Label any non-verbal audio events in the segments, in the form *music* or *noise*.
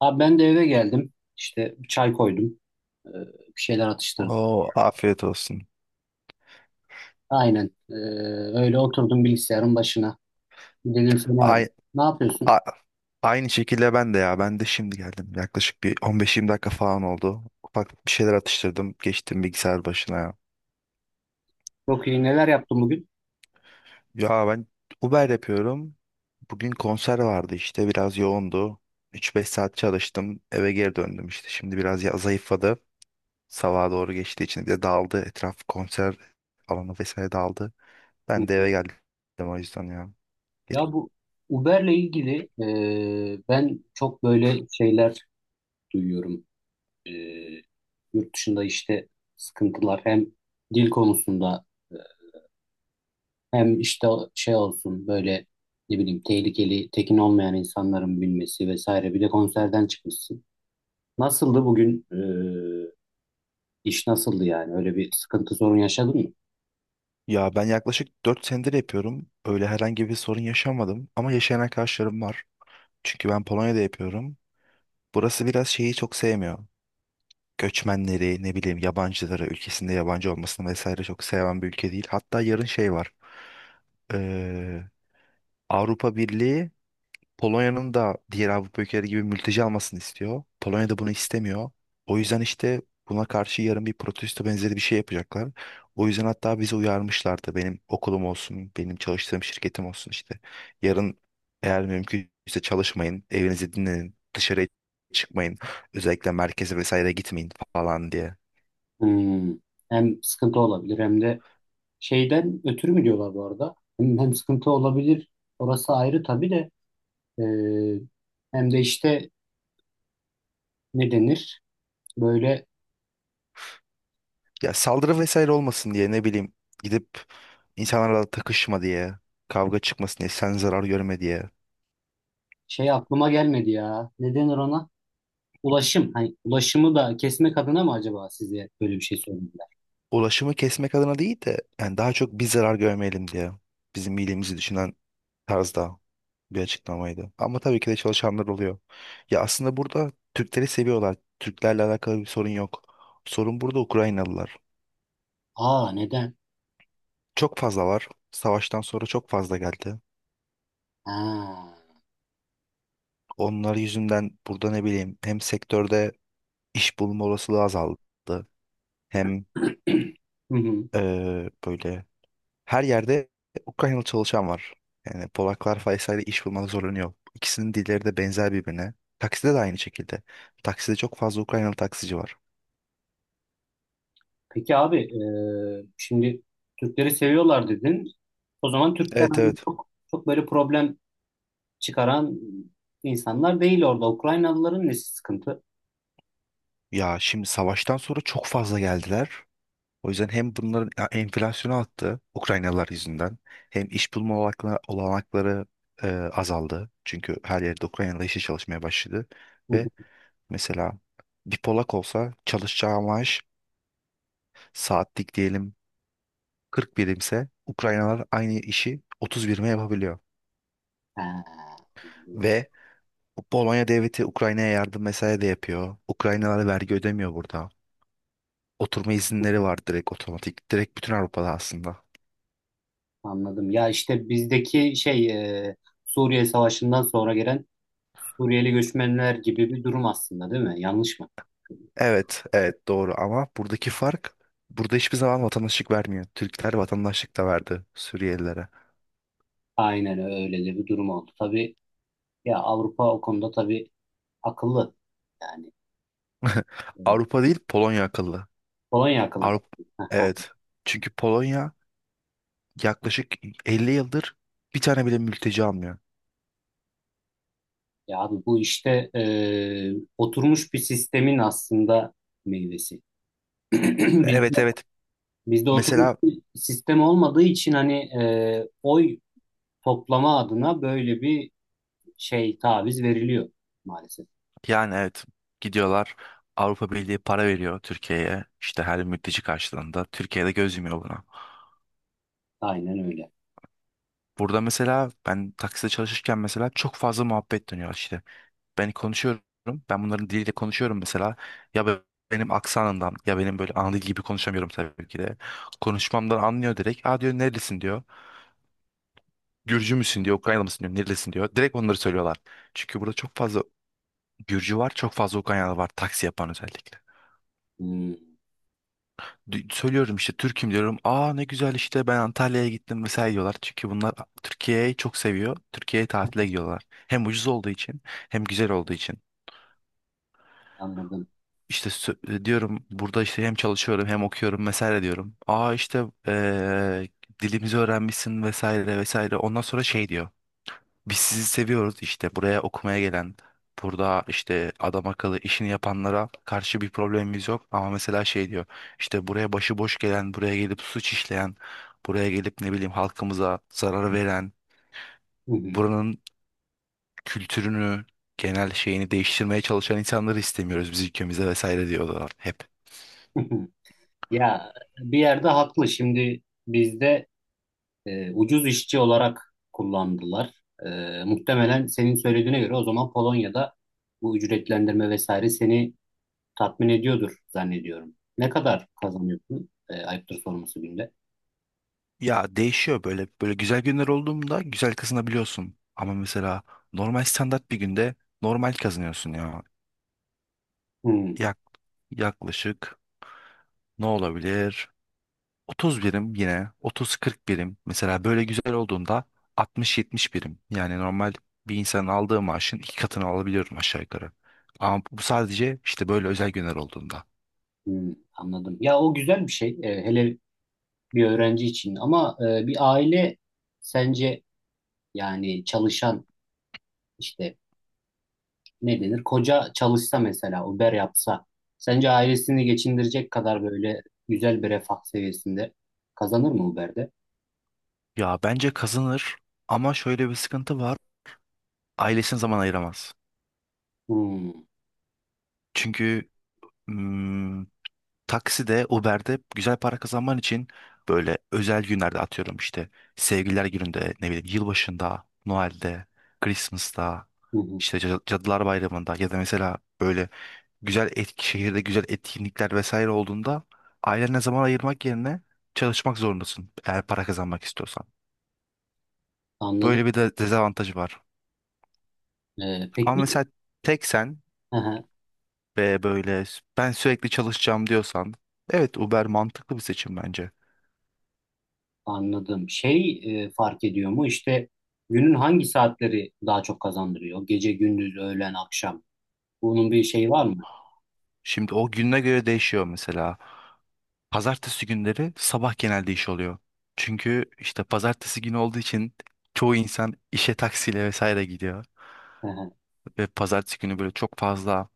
Abi ben de eve geldim. İşte bir çay koydum. Ee, Bir şeyler atıştırdım. Oo, afiyet olsun. Aynen. Öyle oturdum bilgisayarın başına. Dedim seni arayayım. Ay, Ne yapıyorsun? a- aynı şekilde ben de ya. Ben de şimdi geldim. Yaklaşık bir 15-20 dakika falan oldu. Ufak bir şeyler atıştırdım. Geçtim bilgisayar başına ya. Çok iyi. Neler yaptın bugün? Ya ben Uber yapıyorum. Bugün konser vardı işte. Biraz yoğundu. 3-5 saat çalıştım. Eve geri döndüm işte. Şimdi biraz ya zayıfladı. Sabaha doğru geçtiği için bir de dağıldı. Etraf konser alanı vesaire dağıldı. Hı Ben de hı. eve geldim o yüzden ya. Ya bu Uber'le ilgili ben çok böyle şeyler duyuyorum. Ee, Yurt dışında işte sıkıntılar hem dil konusunda e, hem işte şey olsun böyle ne bileyim tehlikeli tekin olmayan insanların bilmesi vesaire. Bir de konserden çıkmışsın. Nasıldı bugün? İş nasıldı yani? Öyle bir sıkıntı sorun yaşadın mı? Ya ben yaklaşık 4 senedir yapıyorum. Öyle herhangi bir sorun yaşamadım ama yaşayan arkadaşlarım var. Çünkü ben Polonya'da yapıyorum. Burası biraz şeyi çok sevmiyor. Göçmenleri, ne bileyim yabancıları, ülkesinde yabancı olmasını vesaire çok seven bir ülke değil. Hatta yarın şey var. Ee, Avrupa Birliği Polonya'nın da diğer Avrupa ülkeleri gibi mülteci almasını istiyor. Polonya da bunu istemiyor. O yüzden işte buna karşı yarın bir protesto benzeri bir şey yapacaklar. O yüzden hatta bizi uyarmışlardı. Benim okulum olsun, benim çalıştığım şirketim olsun işte. Yarın eğer mümkünse çalışmayın, evinizi dinlenin, dışarıya çıkmayın. Özellikle merkeze vesaire gitmeyin falan diye. Hmm. Hem sıkıntı olabilir hem de şeyden ötürü mü diyorlar bu arada? Hem sıkıntı olabilir. Orası ayrı tabii de. ee, Hem de işte ne denir? Böyle Ya saldırı vesaire olmasın diye ne bileyim gidip insanlarla takışma diye, kavga çıkmasın diye, sen zarar görme diye. şey aklıma gelmedi ya. Ne denir ona? Ulaşım. Hani ulaşımı da kesmek adına mı acaba size böyle bir şey söylediler? Ulaşımı kesmek adına değil de yani daha çok biz zarar görmeyelim diye bizim iyiliğimizi düşünen tarzda bir açıklamaydı. Ama tabii ki de çalışanlar oluyor. Ya aslında burada Türkleri seviyorlar. Türklerle alakalı bir sorun yok. Sorun burada Ukraynalılar. Aa, neden? Çok fazla var. Savaştan sonra çok fazla geldi. Ha. Onlar yüzünden burada ne bileyim hem sektörde iş bulma olasılığı azaldı. Hem *clears throat* Hı hı. Böyle her yerde Ukraynalı çalışan var. Yani Polaklar Faysa'yla iş bulmada zorlanıyor. İkisinin dilleri de benzer birbirine. Takside de aynı şekilde. Takside çok fazla Ukraynalı taksici var. Peki abi, şimdi Türkleri seviyorlar dedin. O zaman Türkler Evet, hani evet. çok, çok böyle problem çıkaran insanlar değil orada. Ukraynalıların nesi sıkıntı? Ya şimdi savaştan sonra çok fazla geldiler. O yüzden hem bunların ya, enflasyonu arttı Ukraynalılar yüzünden. Hem iş bulma olanakları azaldı. Çünkü her yerde Ukraynalı işe çalışmaya başladı. Hı Ve hı. mesela bir Polak olsa çalışacağı maaş saatlik diyelim 40 birimse Ukraynalar aynı işi 30 birime yapabiliyor. Ha, Ve Polonya devleti Ukrayna'ya yardım vesaire de yapıyor. Ukraynalara vergi ödemiyor burada. Oturma izinleri var direkt otomatik. Direkt bütün Avrupa'da aslında. anladım. Ya işte bizdeki şey, e, Suriye Savaşı'ndan sonra gelen Suriyeli göçmenler gibi bir durum aslında değil mi? Yanlış mı? Evet, evet doğru ama buradaki fark burada hiçbir zaman vatandaşlık vermiyor. Türkler vatandaşlık da verdi Suriyelilere. Aynen öyle de bir durum oldu. Tabii ya, Avrupa o konuda tabii akıllı. Yani, *laughs* e, Avrupa değil Polonya akıllı. Polonya akıllı. Avrupa *laughs* evet. Çünkü Polonya yaklaşık 50 yıldır bir tane bile mülteci almıyor. Ya abi bu işte oturmuş bir sistemin aslında meyvesi. *clears throat* Bizde, Evet, evet. bizde oturmuş Mesela bir sistem olmadığı için hani, oy toplama adına böyle bir şey taviz veriliyor maalesef. yani evet gidiyorlar, Avrupa Birliği para veriyor Türkiye'ye işte her mülteci karşılığında, Türkiye'de göz yumuyor buna. Aynen öyle. Burada mesela ben takside çalışırken mesela çok fazla muhabbet dönüyor işte. Ben konuşuyorum, ben bunların diliyle konuşuyorum mesela ya benim aksanından, ya benim böyle ana dil gibi konuşamıyorum tabii ki de. Konuşmamdan anlıyor direkt. Aa diyor, nerelisin diyor. Gürcü müsün diyor, Ukraynalı mısın diyor, nerelisin diyor. Direkt onları söylüyorlar. Çünkü burada çok fazla Gürcü var, çok fazla Ukraynalı var taksi yapan özellikle. Hmm, Söylüyorum işte Türk'üm diyorum. Aa ne güzel, işte ben Antalya'ya gittim mesela diyorlar. Çünkü bunlar Türkiye'yi çok seviyor. Türkiye'ye tatile gidiyorlar. Hem ucuz olduğu için hem güzel olduğu için. anladım. İşte diyorum burada işte hem çalışıyorum hem okuyorum vesaire diyorum. Aa işte dilimizi öğrenmişsin vesaire vesaire. Ondan sonra şey diyor. Biz sizi seviyoruz işte buraya okumaya gelen, burada işte adam akıllı işini yapanlara karşı bir problemimiz yok. Ama mesela şey diyor, işte buraya başıboş gelen, buraya gelip suç işleyen, buraya gelip ne bileyim halkımıza zarar veren, Hı buranın kültürünü, genel şeyini değiştirmeye çalışan insanları istemiyoruz biz ülkemize vesaire diyorlar hep. hı. *laughs* Ya bir yerde haklı. Şimdi bizde ucuz işçi olarak kullandılar. Muhtemelen senin söylediğine göre o zaman Polonya'da bu ücretlendirme vesaire seni tatmin ediyordur zannediyorum. Ne kadar kazanıyorsun? Ayıptır sorması günde. Ya değişiyor böyle. Böyle güzel günler olduğunda güzel kazanabiliyorsun. Ama mesela normal standart bir günde normal kazanıyorsun ya. Hmm, Yak, yaklaşık. Ne olabilir? 30 birim yine. 30-40 birim. Mesela böyle güzel olduğunda 60-70 birim. Yani normal bir insanın aldığı maaşın iki katını alabiliyorum aşağı yukarı. Ama bu sadece işte böyle özel günler olduğunda. hmm, anladım. Ya o güzel bir şey. Hele bir öğrenci için ama bir aile sence yani çalışan işte ne denir? Koca çalışsa mesela Uber yapsa sence ailesini geçindirecek kadar böyle güzel bir refah seviyesinde kazanır mı Uber'de? Ya bence kazanır ama şöyle bir sıkıntı var. Ailesine zaman ayıramaz. Hmm, Çünkü hmm, takside, Uber'de güzel para kazanman için böyle özel günlerde atıyorum işte sevgililer gününde, ne bileyim yılbaşında, Noel'de, Christmas'ta, hı hı, işte Cadılar Bayramı'nda ya da mesela böyle güzel şehirde güzel etkinlikler vesaire olduğunda ailene zaman ayırmak yerine çalışmak zorundasın eğer para kazanmak istiyorsan. anladım. Böyle bir de dezavantajı var. E, Ama peki mesela tek sen *laughs* ve böyle ben sürekli çalışacağım diyorsan evet Uber mantıklı bir seçim bence. Anladım. Şey, fark ediyor mu? İşte günün hangi saatleri daha çok kazandırıyor? Gece, gündüz, öğlen, akşam. Bunun bir şeyi var mı? Şimdi o gününe göre değişiyor mesela. Pazartesi günleri sabah genelde iş oluyor. Çünkü işte pazartesi günü olduğu için çoğu insan işe taksiyle vesaire gidiyor. Hı hı, Ve pazartesi günü böyle çok fazla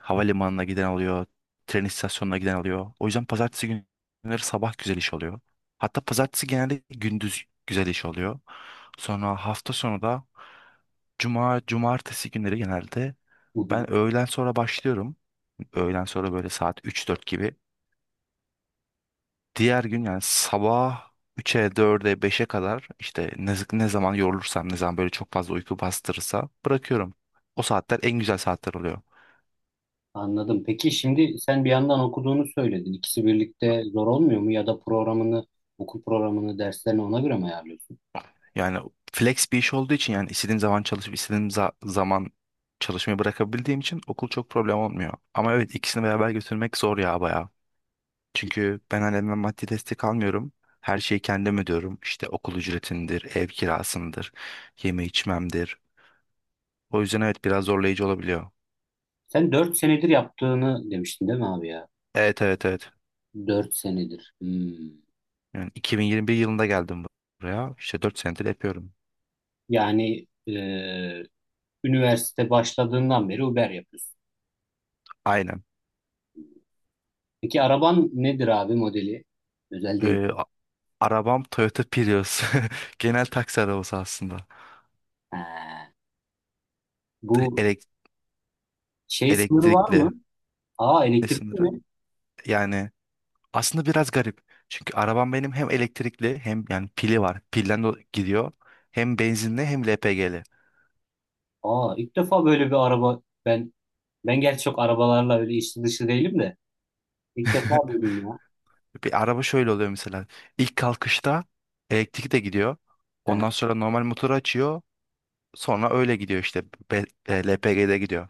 havalimanına giden oluyor, tren istasyonuna giden oluyor. O yüzden pazartesi günleri sabah güzel iş oluyor. Hatta pazartesi genelde gündüz güzel iş oluyor. Sonra hafta sonu da cuma, cumartesi günleri genelde hı hı. ben öğlen sonra başlıyorum. Öğlen sonra böyle saat üç dört gibi. Diğer gün yani sabah üçe 4'e beşe kadar işte ne zaman yorulursam, ne zaman böyle çok fazla uyku bastırırsa bırakıyorum. O saatler en güzel saatler oluyor. Anladım. Peki şimdi sen bir yandan okuduğunu söyledin. İkisi birlikte zor olmuyor mu? Ya da programını, okul programını, derslerini ona göre mi ayarlıyorsun? Yani flex bir iş olduğu için, yani istediğim zaman çalışıp istediğim zaman çalışmayı bırakabildiğim için okul çok problem olmuyor. Ama evet, ikisini beraber götürmek zor ya, bayağı. Çünkü ben ailemden maddi destek almıyorum. Her şeyi kendim ödüyorum. İşte okul ücretindir, ev kirasındır, yeme içmemdir. O yüzden evet biraz zorlayıcı olabiliyor. Sen 4 senedir yaptığını demiştin değil mi abi ya? Evet, evet, evet. 4 senedir. Hmm. Yani 2021 yılında geldim buraya. İşte 4 senedir yapıyorum. Yani, üniversite başladığından beri Uber yapıyorsun. Aynen. Peki araban nedir abi, modeli? Özel değil. Ee, a- arabam Toyota Prius. *laughs* Genel taksi arabası aslında. He. Bu Elek- şey sınırı var elektrikli. mı? Aa, Ne elektrikli sınırı? mi? Yani aslında biraz garip. Çünkü arabam benim hem elektrikli hem yani pili var. Pilden de gidiyor. Hem benzinli hem LPG'li. Aa, ilk defa böyle bir araba. Ben gerçi çok arabalarla öyle içli dışı değilim de. İlk defa *laughs* duydum ya. Bir araba şöyle oluyor mesela. İlk kalkışta elektrik de gidiyor. He, Ondan sonra normal motoru açıyor. Sonra öyle gidiyor işte. LPG'de gidiyor.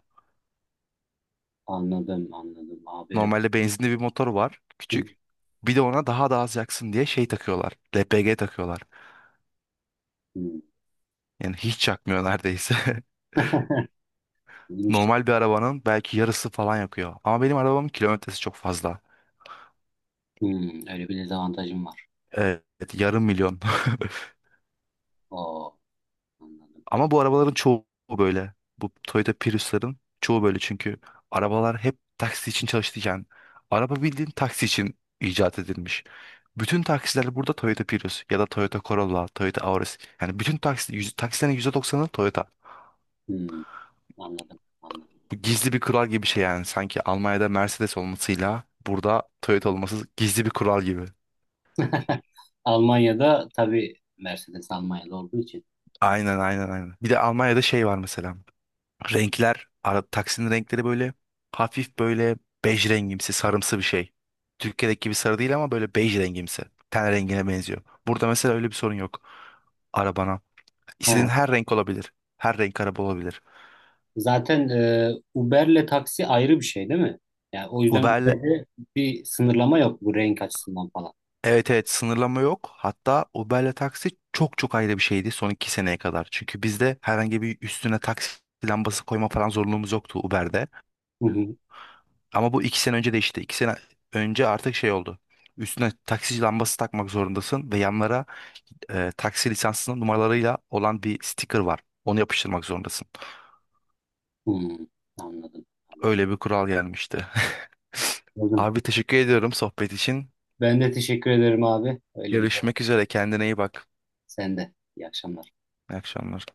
anladım anladım abi. Normalde benzinli bir motor var Hı, küçük. Bir de ona daha da az yaksın diye şey takıyorlar. LPG takıyorlar. hı, Yani hiç yakmıyor neredeyse. *laughs* iyiymiş. Normal bir arabanın belki yarısı falan yakıyor. Ama benim arabamın kilometresi çok fazla. Hı, öyle bir dezavantajım var. Evet, 500.000. Oo, anladım. *laughs* Ama bu arabaların çoğu böyle. Bu Toyota Prius'ların çoğu böyle çünkü arabalar hep taksi için çalıştıyken araba bildiğin taksi için icat edilmiş. Bütün taksiler burada Toyota Prius ya da Toyota Corolla, Toyota Auris. Yani bütün taksi, taksilerin %90'ı Toyota. Hı, anladım anladım. Bu gizli bir kural gibi bir şey yani. Sanki Almanya'da Mercedes olmasıyla burada Toyota olması gizli bir kural gibi. *laughs* Almanya'da tabii Mercedes Almanya'da olduğu için. Aynen, aynen, aynen. Bir de Almanya'da şey var mesela. Renkler, taksinin renkleri böyle hafif böyle bej rengimsi, sarımsı bir şey. Türkiye'deki gibi sarı değil ama böyle bej rengimsi. Ten rengine benziyor. Burada mesela öyle bir sorun yok arabana. He. İstediğin her renk olabilir. Her renk araba olabilir. Zaten, Uber'le taksi ayrı bir şey değil mi? Yani o yüzden Uber'le Uber'de bir sınırlama yok bu renk açısından falan. Evet, evet sınırlama yok. Hatta Uber'le taksi çok çok ayrı bir şeydi son 2 seneye kadar. Çünkü bizde herhangi bir üstüne taksi lambası koyma falan zorunluluğumuz yoktu Uber'de. Hı hı. Ama bu 2 sene önce değişti. 2 sene önce artık şey oldu. Üstüne taksi lambası takmak zorundasın ve yanlara taksi lisansının numaralarıyla olan bir sticker var. Onu yapıştırmak zorundasın. Hmm, anladım. Öyle bir kural gelmişti. *laughs* Anladım. Abi teşekkür ediyorum sohbet için. Ben de teşekkür ederim abi. Öyle bir, Görüşmek üzere. Kendine iyi bak. sen de. İyi akşamlar. İyi akşamlar.